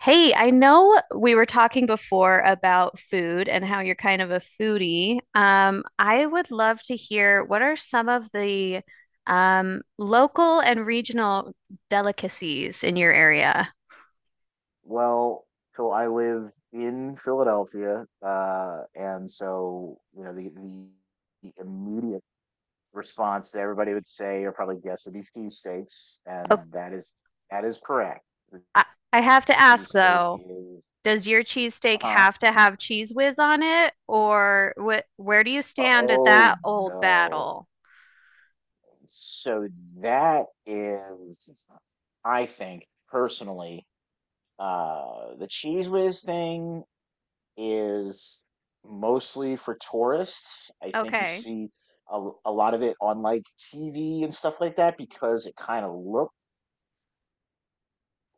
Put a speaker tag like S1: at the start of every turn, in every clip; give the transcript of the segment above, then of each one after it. S1: Hey, I know we were talking before about food and how you're kind of a foodie. I would love to hear what are some of the local and regional delicacies in your area?
S2: Well, so I live in Philadelphia, and so you know the immediate response that everybody would say or probably guess would be cheesesteaks,
S1: Oh,
S2: and that is correct.
S1: I, I have to ask
S2: Cheesesteak
S1: though,
S2: is
S1: does your cheesesteak
S2: uh-huh.
S1: have to have cheese whiz on it, or wh where do you stand at
S2: Oh
S1: that old
S2: no.
S1: battle?
S2: So that is, I think personally, the cheese whiz thing is mostly for tourists. I think you
S1: Okay,
S2: see a lot of it on like TV and stuff like that because it kind of looked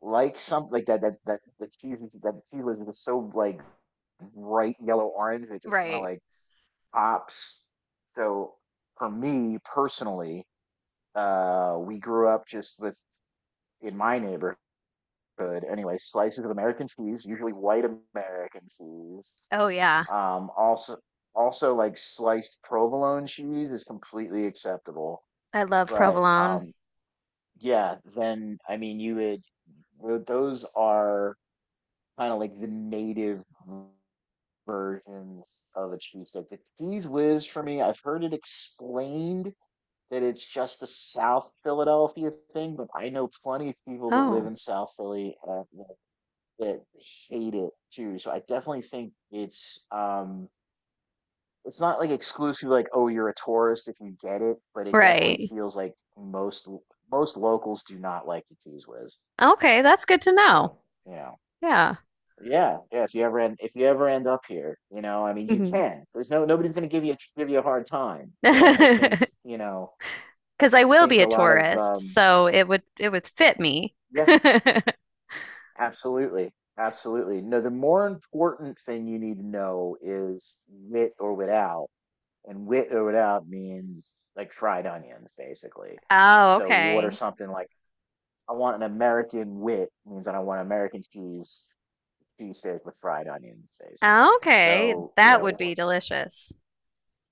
S2: like something like that the that cheese was just so like bright yellow orange, it just kind of
S1: right.
S2: like pops. So for me personally, we grew up just with, in my neighborhood anyway, slices of American cheese, usually white American cheese.
S1: Oh yeah,
S2: Also, also like sliced provolone cheese is completely acceptable.
S1: I love
S2: But
S1: provolone.
S2: yeah, then I mean you would those are kind of like the native versions of a cheese cheesesteak. The cheese whiz for me, I've heard it explained that it's just a South Philadelphia thing, but I know plenty of people that live
S1: Oh,
S2: in South Philly that that hate it too. So I definitely think it's not like exclusive, like, oh, you're a tourist if you get it, but it definitely
S1: right.
S2: feels like most most locals do not like the cheese whiz.
S1: Okay, that's good to know.
S2: So you know,
S1: Yeah.
S2: yeah, yeah, if you ever end up here, you know, I mean, you
S1: Hmm.
S2: can, there's no nobody's going to give you give you a hard time, but I think
S1: Because I
S2: I
S1: will
S2: think
S1: be
S2: a
S1: a
S2: lot of
S1: tourist, so it would fit me.
S2: yeah, absolutely, absolutely. No, the more important thing you need to know is with or without, and with or without means like fried onions, basically.
S1: Oh,
S2: So you order
S1: okay.
S2: something like, I want an American wit, means that I want American cheese, cheesesteak with fried onions, basically.
S1: Oh, okay.
S2: So, you
S1: That would
S2: know,
S1: be delicious,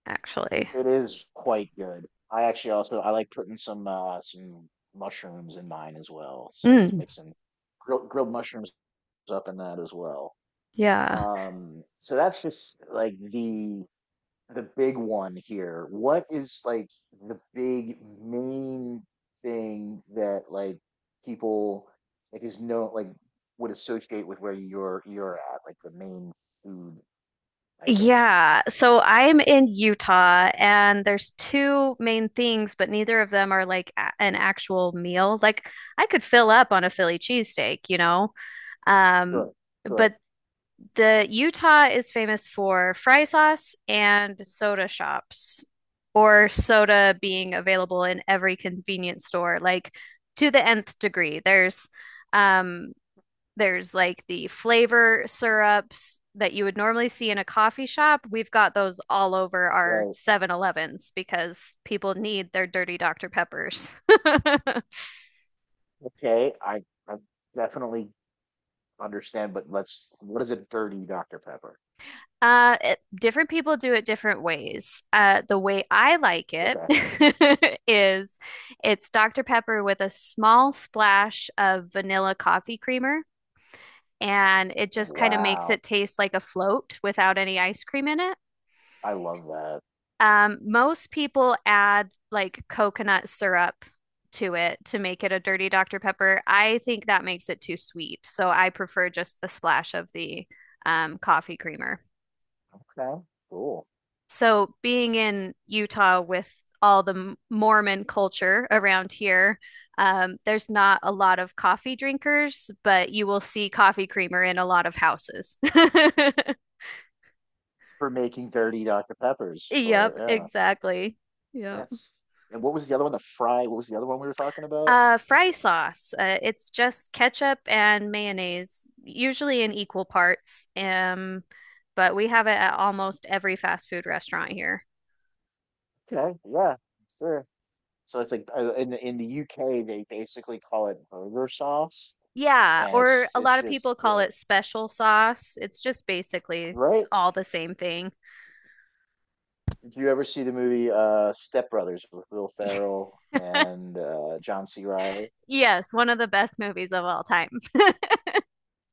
S1: actually.
S2: it is quite good. I actually also, I like putting some mushrooms in mine as well. So just
S1: Mm,
S2: make some grilled mushrooms up in that as well.
S1: yeah.
S2: So that's just like the big one here. What is like the big main thing that like people like is, no, like, would associate with where you're at, like the main food item?
S1: Yeah. So I'm in Utah and there's two main things, but neither of them are like a an actual meal. Like I could fill up on a Philly cheesesteak, you know? Um,
S2: Sure, sure,
S1: but the Utah is famous for fry sauce and soda shops, or soda being available in every convenience store, like to the nth degree. Um there's like the flavor syrups that you would normally see in a coffee shop. We've got those all over our
S2: right.
S1: Seven Elevens because people need their dirty Dr. Peppers.
S2: Okay, I definitely understand, but let's, what is a dirty Dr. Pepper?
S1: It, different people do it different ways. The way I like it
S2: Okay.
S1: is it's Dr. Pepper with a small splash of vanilla coffee creamer, and it
S2: Oh,
S1: just kind of makes
S2: wow.
S1: it taste like a float without any ice cream in it.
S2: I love that.
S1: Most people add like coconut syrup to it to make it a dirty Dr. Pepper. I think that makes it too sweet, so I prefer just the splash of the coffee creamer.
S2: Okay, cool.
S1: So being in Utah with all the Mormon culture around here, there's not a lot of coffee drinkers, but you will see coffee creamer in a lot of houses.
S2: For making dirty Dr. Peppers or
S1: Yep,
S2: yeah.
S1: exactly. Yep.
S2: That's, and what was the other one? The fry. What was the other one we were talking about?
S1: Fry sauce. It's just ketchup and mayonnaise, usually in equal parts. But we have it at almost every fast food restaurant here.
S2: Okay, yeah, sure. So it's like in the UK they basically call it burger sauce,
S1: Yeah,
S2: and
S1: or
S2: it's
S1: a
S2: it's
S1: lot of people
S2: just,
S1: call
S2: yeah,
S1: it special sauce. It's just basically
S2: right?
S1: all the same thing.
S2: Did you ever see the movie Step Brothers with Will Ferrell and John C. Riley?
S1: Yes, one of the best movies of all time.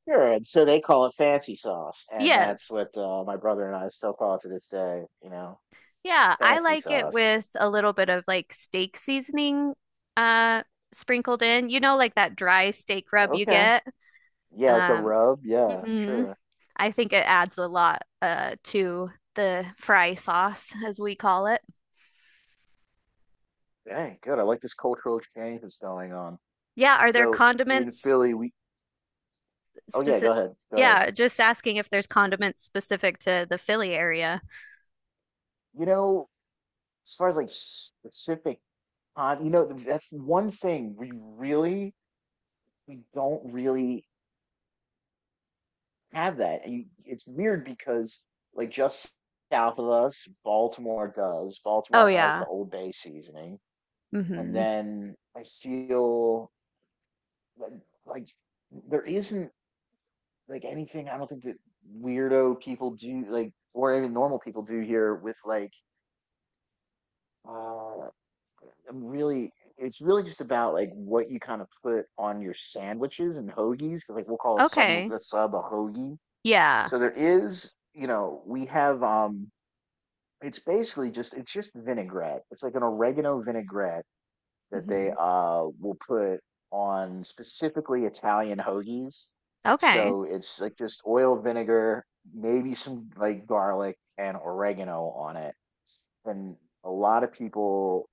S2: Sure. And so they call it fancy sauce, and that's
S1: Yes.
S2: what my brother and I still call it to this day. You know,
S1: Yeah, I
S2: fancy
S1: like it
S2: sauce.
S1: with a little bit of like steak seasoning uh sprinkled in. You know, like that dry steak
S2: So,
S1: rub you
S2: okay.
S1: get.
S2: Yeah, like the
S1: Um,
S2: rub. Yeah,
S1: mhm.
S2: sure.
S1: I think it adds a lot to the fry sauce, as we call it.
S2: Dang, good. I like this cultural exchange that's going on.
S1: Yeah, are there
S2: So in
S1: condiments
S2: Philly, we. Oh yeah, go
S1: specific.
S2: ahead. Go ahead.
S1: Yeah, just asking if there's condiments specific to the Philly area.
S2: You know, as far as like specific, you know, that's one thing we really we don't really have that. And you, it's weird because like just south of us, Baltimore does.
S1: Oh
S2: Baltimore has
S1: yeah.
S2: the Old Bay seasoning, and
S1: Mm-hmm.
S2: then I feel like, like, there isn't like anything, I don't think, that weirdo people do like or even normal people do here with like uh I'm really, it's really just about like what you kind of put on your sandwiches and hoagies, 'cause like we'll call a sub,
S1: Okay.
S2: a sub a hoagie.
S1: Yeah.
S2: So there is, you know, we have it's basically just, it's just vinaigrette. It's like an oregano vinaigrette that they
S1: Hmm.
S2: will put on specifically Italian hoagies.
S1: Okay.
S2: So it's like just oil, vinegar, maybe some like garlic and oregano on it. And a lot of people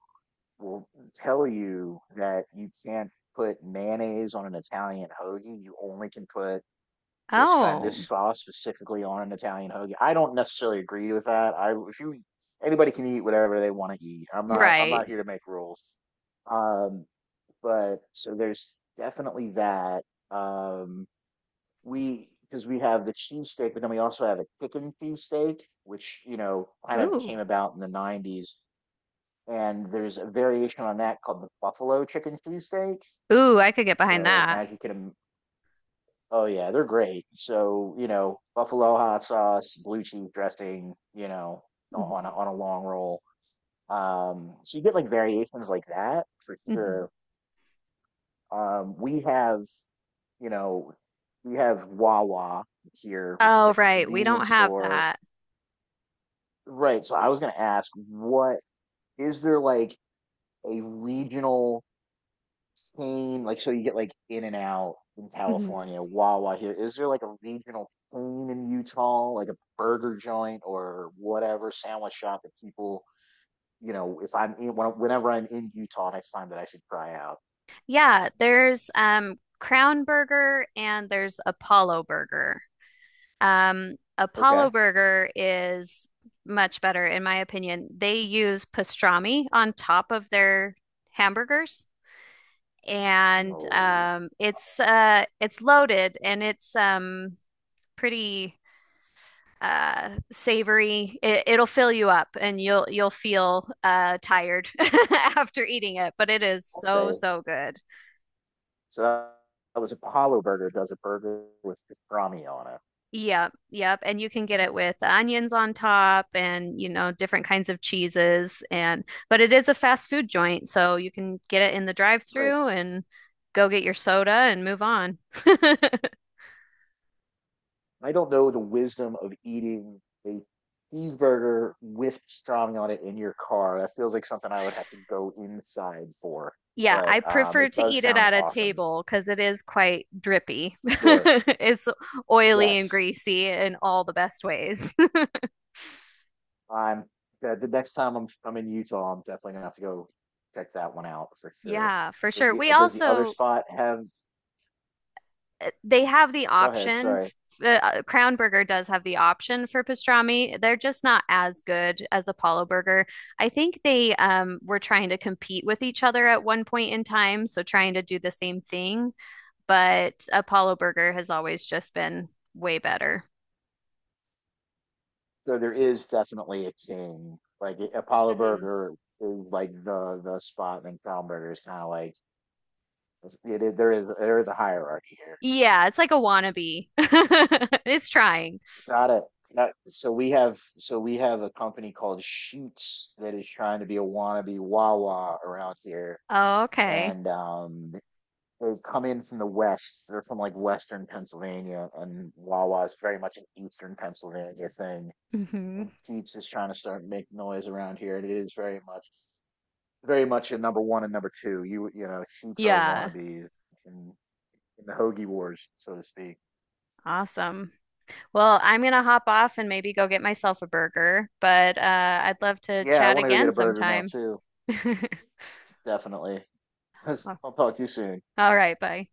S2: will tell you that you can't put mayonnaise on an Italian hoagie. You only can put this
S1: Oh,
S2: sauce specifically on an Italian hoagie. I don't necessarily agree with that. I, if you, anybody can eat whatever they want to eat. I'm not
S1: right.
S2: here to make rules. Um, but so there's definitely that. Um, we, because we have the cheesesteak, but then we also have a chicken cheesesteak, which, you know, kind of came
S1: Ooh.
S2: about in the '90s. And there's a variation on that called the buffalo chicken cheesesteak.
S1: Ooh, I could get behind
S2: So, and
S1: that.
S2: as you can, oh yeah, they're great. So, you know, buffalo hot sauce, blue cheese dressing, you know, on
S1: Hmm.
S2: on a long roll. So you get like variations like that for
S1: Hmm.
S2: sure. We have, you know, we have Wawa here, which is
S1: Oh,
S2: like the
S1: right. We don't
S2: convenience
S1: have
S2: store.
S1: that.
S2: Right. So I was gonna ask, what, is there like a regional chain? Like, so you get like In and Out in
S1: Hmm.
S2: California, Wawa here. Is there like a regional chain in Utah, like a burger joint or whatever sandwich shop that people, you know, if I'm in, whenever I'm in Utah next time that I should try out?
S1: Yeah, there's Crown Burger and there's Apollo Burger. Apollo
S2: Okay.
S1: Burger is much better, in my opinion. They use pastrami on top of their hamburgers, and
S2: No,
S1: it's loaded and it's pretty savory. It'll fill you up, and you'll feel tired after eating it, but it is
S2: I'll say,
S1: so good.
S2: so that that was, Apollo Burger does a burger with pastrami on
S1: Yep, yep. And you can get
S2: it.
S1: it with onions on top and, you know, different kinds of cheeses and but it is a fast food joint, so you can get it in the
S2: Right.
S1: drive-through and go get your soda and move on.
S2: I don't know the wisdom of eating a cheeseburger with pastrami on it in your car. That feels like something I would have to go inside for.
S1: Yeah,
S2: But
S1: I prefer
S2: it
S1: to
S2: does
S1: eat it
S2: sound
S1: at a
S2: awesome.
S1: table because it is quite drippy.
S2: Sure.
S1: It's oily and
S2: Yes.
S1: greasy in all the best ways.
S2: I'm, the next time I'm in Utah, I'm definitely gonna have to go check that one out for sure.
S1: Yeah, for sure. We
S2: Does the other
S1: also
S2: spot have?
S1: They have the
S2: Go ahead.
S1: option.
S2: Sorry.
S1: Crown Burger does have the option for pastrami. They're just not as good as Apollo Burger. I think they were trying to compete with each other at one point in time, so trying to do the same thing. But Apollo Burger has always just been way better.
S2: So there is definitely a king. Like, Apollo
S1: Mhm.
S2: Burger is like the spot, and Kronberger is kind of like, it is, there is there is a hierarchy here.
S1: Yeah, it's like a wannabe. It's trying.
S2: Got it. Got it. So we have, so we have a company called Sheets that is trying to be a wannabe Wawa around here,
S1: Oh, okay.
S2: and they've come in from the west. They're from like Western Pennsylvania, and Wawa is very much an Eastern Pennsylvania thing.
S1: Hmm.
S2: And Sheets is trying to start making noise around here, and it is very much very much in number one and number two. You know, sheets are
S1: Yeah,
S2: wannabes in in the hoagie wars, so to speak.
S1: awesome. Well, I'm gonna hop off and maybe go get myself a burger, but I'd love to
S2: Yeah, I
S1: chat
S2: want to go get
S1: again
S2: a burger now
S1: sometime.
S2: too. Definitely. I'll talk to you soon.
S1: All right, bye.